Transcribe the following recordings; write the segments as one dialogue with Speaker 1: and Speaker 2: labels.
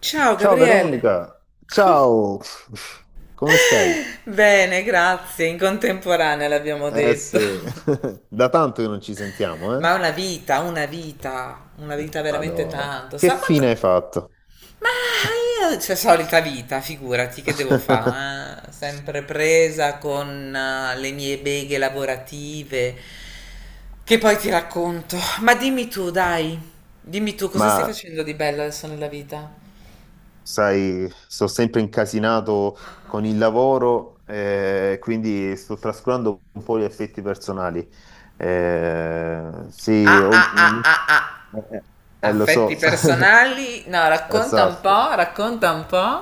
Speaker 1: Ciao
Speaker 2: Ciao
Speaker 1: Gabriele.
Speaker 2: Veronica,
Speaker 1: Co-
Speaker 2: ciao, come stai?
Speaker 1: Bene, grazie. In contemporanea l'abbiamo
Speaker 2: Eh
Speaker 1: detto.
Speaker 2: sì, da tanto che non ci sentiamo, eh?
Speaker 1: Ma una vita, una vita, una vita veramente
Speaker 2: Madò,
Speaker 1: tanto.
Speaker 2: che
Speaker 1: Sa quanto.
Speaker 2: fine hai fatto?
Speaker 1: Ma io, c'è solita vita, figurati che devo fare, sempre presa con le mie beghe lavorative, che poi ti racconto. Ma dimmi tu, dai, dimmi tu, cosa stai
Speaker 2: Ma
Speaker 1: facendo di bello adesso nella vita?
Speaker 2: sai, sto sempre incasinato con il lavoro, quindi sto trascurando un po' gli effetti personali. Sì,
Speaker 1: Ah ah ah ah ah.
Speaker 2: eh, lo
Speaker 1: Affetti
Speaker 2: so,
Speaker 1: personali? No, racconta un
Speaker 2: esatto.
Speaker 1: po', racconta un po'.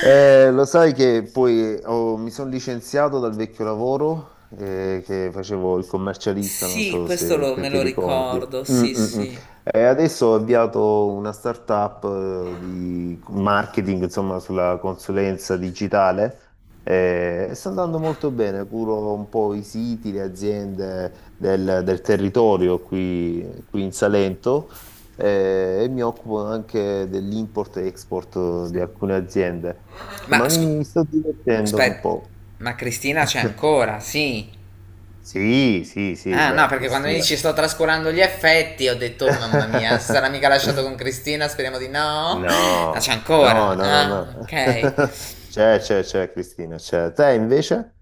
Speaker 2: Lo sai che poi mi sono licenziato dal vecchio lavoro che facevo il commercialista, non
Speaker 1: Sì,
Speaker 2: so
Speaker 1: questo
Speaker 2: se, se
Speaker 1: me
Speaker 2: ti
Speaker 1: lo
Speaker 2: ricordi.
Speaker 1: ricordo,
Speaker 2: Mm,
Speaker 1: sì,
Speaker 2: mm, mm.
Speaker 1: sì.
Speaker 2: E adesso ho avviato una startup di marketing, insomma, sulla consulenza digitale e sta andando molto bene. Curo un po' i siti, le aziende del territorio qui in Salento. E mi occupo anche dell'import e export di alcune aziende.
Speaker 1: Ma
Speaker 2: Insomma, mi
Speaker 1: scusa,
Speaker 2: mi sto divertendo un
Speaker 1: aspetta,
Speaker 2: po'.
Speaker 1: ma Cristina c'è ancora, sì.
Speaker 2: Sì, sì, sì,
Speaker 1: Ah, no,
Speaker 2: beh,
Speaker 1: perché quando mi
Speaker 2: Cristina.
Speaker 1: dici sto trascurando gli effetti, ho detto, "Oh, mamma mia, si sarà mica lasciato con Cristina, speriamo di no." Ma no, c'è
Speaker 2: No, no,
Speaker 1: ancora.
Speaker 2: no, no,
Speaker 1: Ah,
Speaker 2: no.
Speaker 1: ok.
Speaker 2: C'è, Cristina, c'è. Te invece?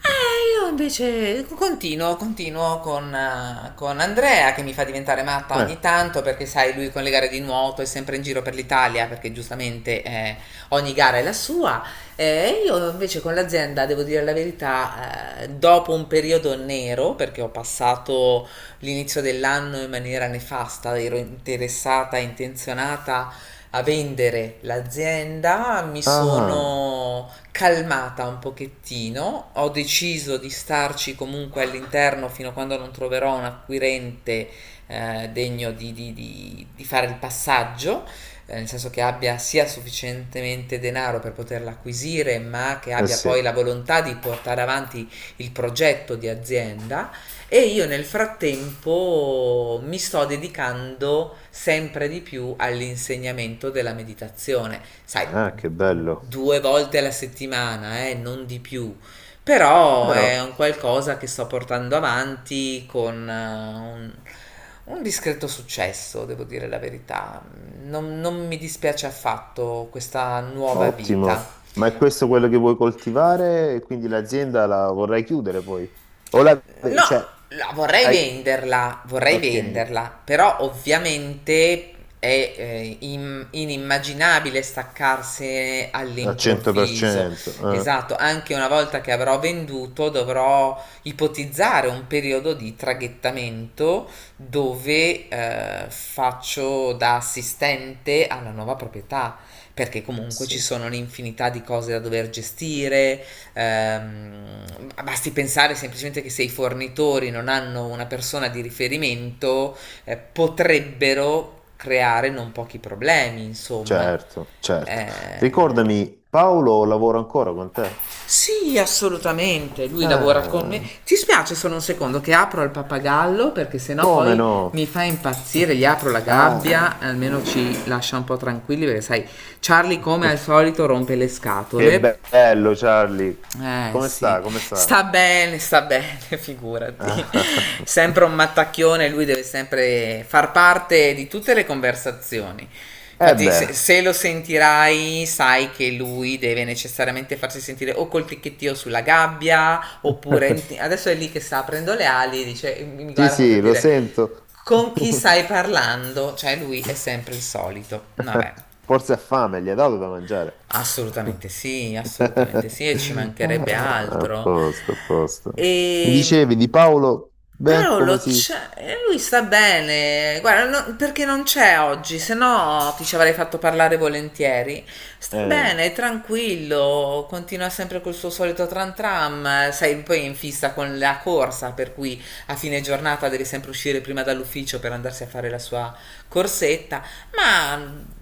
Speaker 1: Io invece continuo con Andrea che mi fa diventare matta
Speaker 2: Eh,
Speaker 1: ogni tanto perché sai, lui con le gare di nuoto è sempre in giro per l'Italia perché giustamente ogni gara è la sua. Io invece con l'azienda, devo dire la verità, dopo un periodo nero, perché ho passato l'inizio dell'anno in maniera nefasta, ero interessata, intenzionata a vendere l'azienda, mi
Speaker 2: Ah,
Speaker 1: sono calmata un pochettino, ho deciso di starci comunque all'interno fino a quando non troverò un acquirente degno di, di fare il passaggio, nel senso che abbia sia sufficientemente denaro per poterla acquisire, ma che
Speaker 2: eh
Speaker 1: abbia
Speaker 2: sì,
Speaker 1: poi la volontà di portare avanti il progetto di azienda. E io nel frattempo mi sto dedicando sempre di più all'insegnamento della meditazione, sai,
Speaker 2: ah, che bello.
Speaker 1: due volte alla settimana, non di più. Però
Speaker 2: Però,
Speaker 1: è un qualcosa che sto portando avanti con un discreto successo, devo dire la verità. Non mi dispiace affatto questa nuova
Speaker 2: ottimo.
Speaker 1: vita.
Speaker 2: Ma è questo quello che vuoi coltivare? E quindi l'azienda la vorrai chiudere poi? O la...
Speaker 1: No,
Speaker 2: cioè,
Speaker 1: la
Speaker 2: hai...
Speaker 1: vorrei
Speaker 2: ok,
Speaker 1: venderla, però ovviamente è inimmaginabile staccarsene
Speaker 2: al
Speaker 1: all'improvviso.
Speaker 2: 100%. eh,
Speaker 1: Esatto, anche una volta che avrò venduto dovrò ipotizzare un periodo di traghettamento dove faccio da assistente alla nuova proprietà, perché comunque ci
Speaker 2: sì.
Speaker 1: sono un'infinità di cose da dover gestire. Ehm, basti pensare semplicemente che se i fornitori non hanno una persona di riferimento, potrebbero creare non pochi problemi, insomma.
Speaker 2: Certo, certo.
Speaker 1: Eh,
Speaker 2: Ricordami, Paolo lavora ancora con te?
Speaker 1: sì, assolutamente. Lui lavora con me.
Speaker 2: Ah,
Speaker 1: Ti spiace solo un secondo che apro il pappagallo perché sennò
Speaker 2: come
Speaker 1: poi mi
Speaker 2: no?
Speaker 1: fa impazzire. Gli apro la
Speaker 2: Ah,
Speaker 1: gabbia, almeno ci lascia un po' tranquilli perché sai, Charlie come al solito rompe le scatole.
Speaker 2: che bello, Charlie.
Speaker 1: Eh
Speaker 2: Come
Speaker 1: sì,
Speaker 2: sta? Come sta?
Speaker 1: sta bene, figurati.
Speaker 2: Ah,
Speaker 1: Sempre un mattacchione, lui deve sempre far parte di tutte le conversazioni.
Speaker 2: Eh
Speaker 1: Infatti, se,
Speaker 2: beh,
Speaker 1: se lo sentirai, sai che lui deve necessariamente farsi sentire o col ticchettio sulla gabbia, oppure adesso è lì che sta aprendo le ali e dice, mi
Speaker 2: sì,
Speaker 1: guarda come per
Speaker 2: sì, lo
Speaker 1: dire,
Speaker 2: sento.
Speaker 1: con chi stai parlando? Cioè, lui è sempre il solito. Vabbè.
Speaker 2: Forse ha fame, gli ha dato da mangiare.
Speaker 1: Assolutamente sì, e ci
Speaker 2: Ah,
Speaker 1: mancherebbe
Speaker 2: a
Speaker 1: altro.
Speaker 2: posto, a posto. Mi
Speaker 1: E
Speaker 2: dicevi di Paolo? Beh, come
Speaker 1: Paolo,
Speaker 2: si...
Speaker 1: lui sta bene, guarda, perché non c'è oggi, se no ti ci avrei fatto parlare volentieri. Sta
Speaker 2: Eh.
Speaker 1: bene, è tranquillo, continua sempre col suo solito tran tram, sei poi è in fissa con la corsa, per cui a fine giornata deve sempre uscire prima dall'ufficio per andarsi a fare la sua corsetta, ma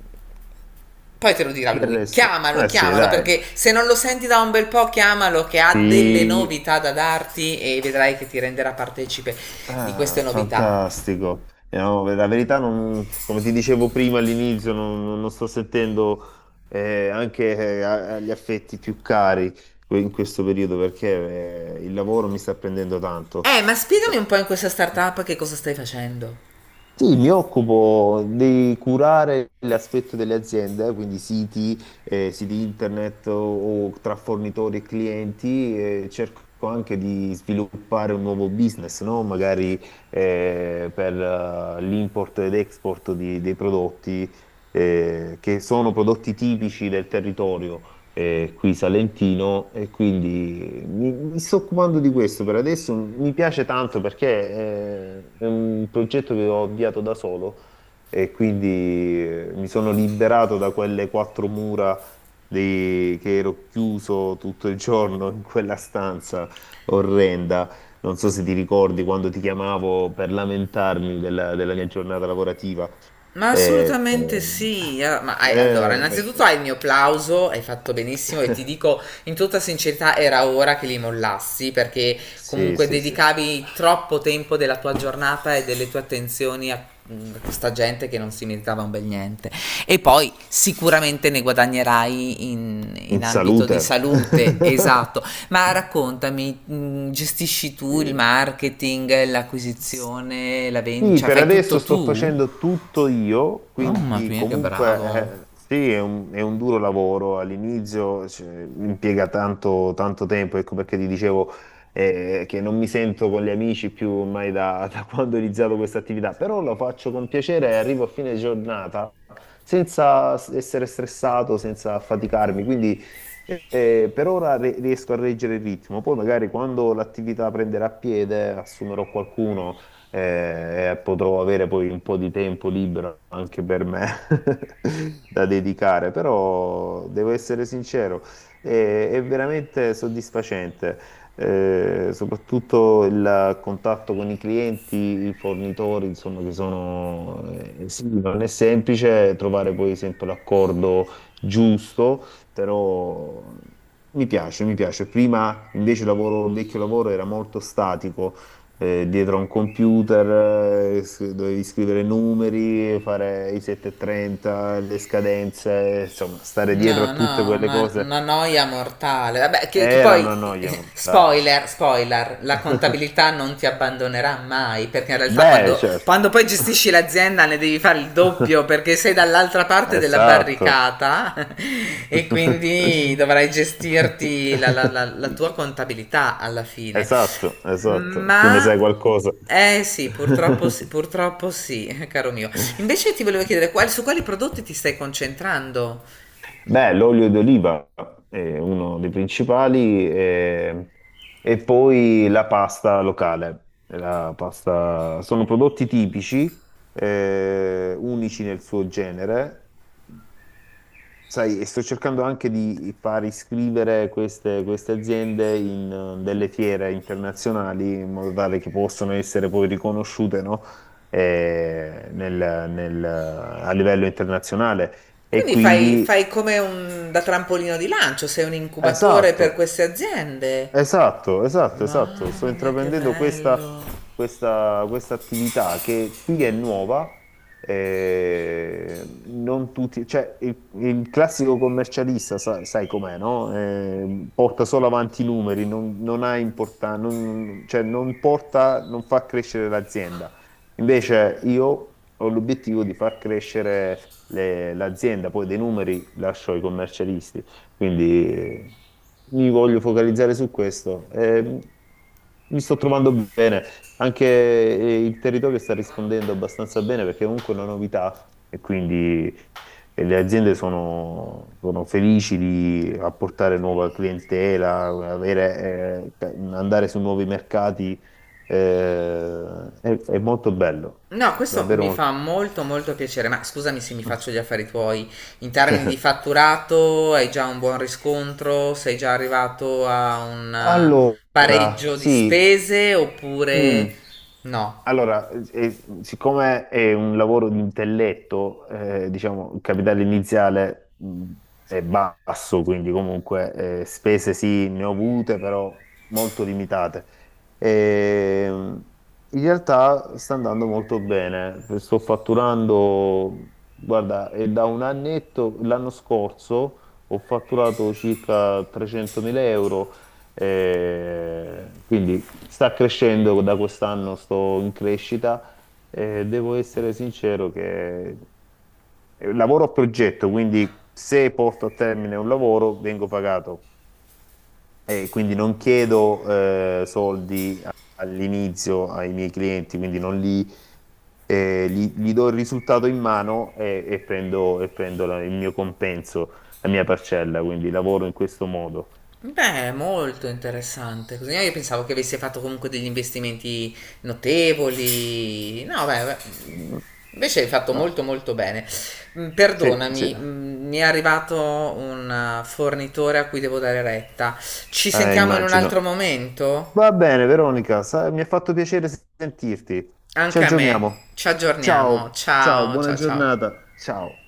Speaker 1: poi te lo dirà
Speaker 2: Del
Speaker 1: lui.
Speaker 2: resto,
Speaker 1: Chiamalo,
Speaker 2: eh sì,
Speaker 1: chiamalo,
Speaker 2: dai.
Speaker 1: perché se non lo senti da un bel po', chiamalo che ha delle
Speaker 2: Sì.
Speaker 1: novità da darti e vedrai che ti renderà partecipe di queste
Speaker 2: Ah,
Speaker 1: novità.
Speaker 2: fantastico. No, la verità, come ti dicevo prima all'inizio, non sto sentendo anche agli affetti più cari in questo periodo perché il lavoro mi sta prendendo tanto.
Speaker 1: Ma spiegami un po' in questa startup che cosa stai facendo.
Speaker 2: Sì, mi occupo di curare l'aspetto delle aziende, quindi siti, siti internet o tra fornitori e clienti, e cerco anche di sviluppare un nuovo business, no? Magari per l'import ed export dei prodotti che sono prodotti tipici del territorio qui salentino e quindi mi sto occupando di questo per adesso. Mi piace tanto perché è un progetto che ho avviato da solo e quindi mi sono liberato da quelle quattro mura che ero chiuso tutto il giorno in quella stanza orrenda. Non so se ti ricordi quando ti chiamavo per lamentarmi della mia giornata lavorativa.
Speaker 1: Ma
Speaker 2: Eh,
Speaker 1: assolutamente
Speaker 2: eh,
Speaker 1: sì, ah, ma allora,
Speaker 2: eh,
Speaker 1: innanzitutto hai il mio plauso, hai fatto benissimo e ti dico in tutta sincerità era ora che li mollassi perché
Speaker 2: sì,
Speaker 1: comunque
Speaker 2: sì, sì.
Speaker 1: dedicavi troppo tempo della tua giornata e delle tue attenzioni a a questa gente che non si meritava un bel niente. E poi sicuramente ne guadagnerai in
Speaker 2: In
Speaker 1: ambito di
Speaker 2: salute.
Speaker 1: salute, esatto. Ma raccontami, gestisci tu il marketing,
Speaker 2: Sì.
Speaker 1: l'acquisizione, la vendita,
Speaker 2: Sì,
Speaker 1: cioè
Speaker 2: per
Speaker 1: fai
Speaker 2: adesso
Speaker 1: tutto
Speaker 2: sto
Speaker 1: tu?
Speaker 2: facendo tutto io,
Speaker 1: Mamma
Speaker 2: quindi
Speaker 1: mia, che bravo.
Speaker 2: comunque sì, è un duro lavoro. All'inizio cioè, impiega tanto, tanto tempo, ecco perché ti dicevo che non mi sento con gli amici più ormai da, da quando ho iniziato questa attività, però lo faccio con piacere e arrivo a fine giornata senza essere stressato, senza affaticarmi, quindi per ora riesco a reggere il ritmo, poi magari quando l'attività prenderà piede assumerò qualcuno e potrò avere poi un po' di tempo libero anche per me da dedicare, però devo essere sincero, è veramente soddisfacente. Soprattutto il contatto con i clienti, i fornitori, insomma, che sono, sì, non è semplice trovare poi sempre l'accordo giusto, però mi piace, mi piace. Prima invece il lavoro, il vecchio lavoro era molto statico, dietro a un computer, dovevi scrivere numeri, fare i 730, le scadenze, insomma, stare dietro a
Speaker 1: No,
Speaker 2: tutte
Speaker 1: no,
Speaker 2: quelle
Speaker 1: una,
Speaker 2: cose
Speaker 1: una noia mortale. Vabbè, che
Speaker 2: era
Speaker 1: poi,
Speaker 2: una noia mortale.
Speaker 1: spoiler, spoiler, la contabilità non ti abbandonerà mai, perché in realtà
Speaker 2: Beh,
Speaker 1: quando,
Speaker 2: certo.
Speaker 1: quando poi gestisci l'azienda ne devi fare il doppio, perché sei dall'altra parte della
Speaker 2: Esatto.
Speaker 1: barricata, e quindi dovrai gestirti la tua contabilità alla fine.
Speaker 2: Esatto, esatto. Tu ne sai
Speaker 1: Ma.
Speaker 2: qualcosa.
Speaker 1: Eh sì, purtroppo sì, purtroppo sì, caro mio. Invece ti volevo chiedere, su quali prodotti ti stai concentrando?
Speaker 2: Beh, l'olio d'oliva è uno dei principali e, poi la pasta locale. Sono prodotti tipici, unici nel suo genere. Sai, e sto cercando anche di far iscrivere queste aziende in delle fiere internazionali in modo tale che possano essere poi riconosciute, no? A livello internazionale. E
Speaker 1: Quindi fai,
Speaker 2: quindi,
Speaker 1: fai come un da trampolino di lancio, sei un incubatore per
Speaker 2: esatto.
Speaker 1: queste aziende.
Speaker 2: Esatto, esatto, esatto. Sto
Speaker 1: Mamma mia, che
Speaker 2: intraprendendo
Speaker 1: bello!
Speaker 2: questa attività che qui è nuova. Non tutti, cioè, il classico commercialista, sai com'è, no? Porta solo avanti i numeri, non ha non, cioè, non porta, non fa crescere l'azienda. Invece io ho l'obiettivo di far crescere l'azienda, poi dei numeri lascio ai commercialisti. Quindi mi voglio focalizzare su questo. Mi sto trovando bene, anche il territorio sta rispondendo abbastanza bene perché è comunque è una novità e quindi le aziende sono felici di apportare nuova clientela, avere, andare su nuovi mercati. È molto bello,
Speaker 1: No, questo
Speaker 2: davvero
Speaker 1: mi fa
Speaker 2: molto.
Speaker 1: molto molto piacere, ma scusami se mi faccio gli affari tuoi. In termini di fatturato, hai già un buon riscontro? Sei già arrivato a un
Speaker 2: Allora,
Speaker 1: pareggio di
Speaker 2: sì.
Speaker 1: spese
Speaker 2: Mm.
Speaker 1: oppure no?
Speaker 2: Allora, siccome è un lavoro di intelletto, diciamo, il capitale iniziale è basso, quindi comunque spese sì, ne ho avute, però molto limitate. Ehm, in realtà sta andando molto bene, sto fatturando, guarda, è da un annetto, l'anno scorso ho fatturato circa 300.000 euro quindi sta crescendo da quest'anno, sto in crescita e devo essere sincero che lavoro a progetto, quindi se porto a termine un lavoro vengo pagato e quindi non chiedo soldi all'inizio ai miei clienti, quindi non li, gli do il risultato in mano e prendo il mio compenso, la mia parcella, quindi lavoro in questo modo.
Speaker 1: Beh, molto interessante. Così io pensavo che avesse fatto comunque degli investimenti notevoli. No, beh, beh,
Speaker 2: Mm.
Speaker 1: invece hai fatto
Speaker 2: Ah,
Speaker 1: molto molto bene. Mm,
Speaker 2: sì, sì,
Speaker 1: Perdonami, mi è arrivato un fornitore a cui devo dare retta. Ci sentiamo in un altro
Speaker 2: immagino.
Speaker 1: momento?
Speaker 2: Va bene, Veronica, mi ha fatto piacere sentirti. Ci
Speaker 1: Anche a me.
Speaker 2: aggiorniamo.
Speaker 1: Ci aggiorniamo.
Speaker 2: Ciao, ciao,
Speaker 1: Ciao,
Speaker 2: buona
Speaker 1: ciao, ciao.
Speaker 2: giornata. Ciao.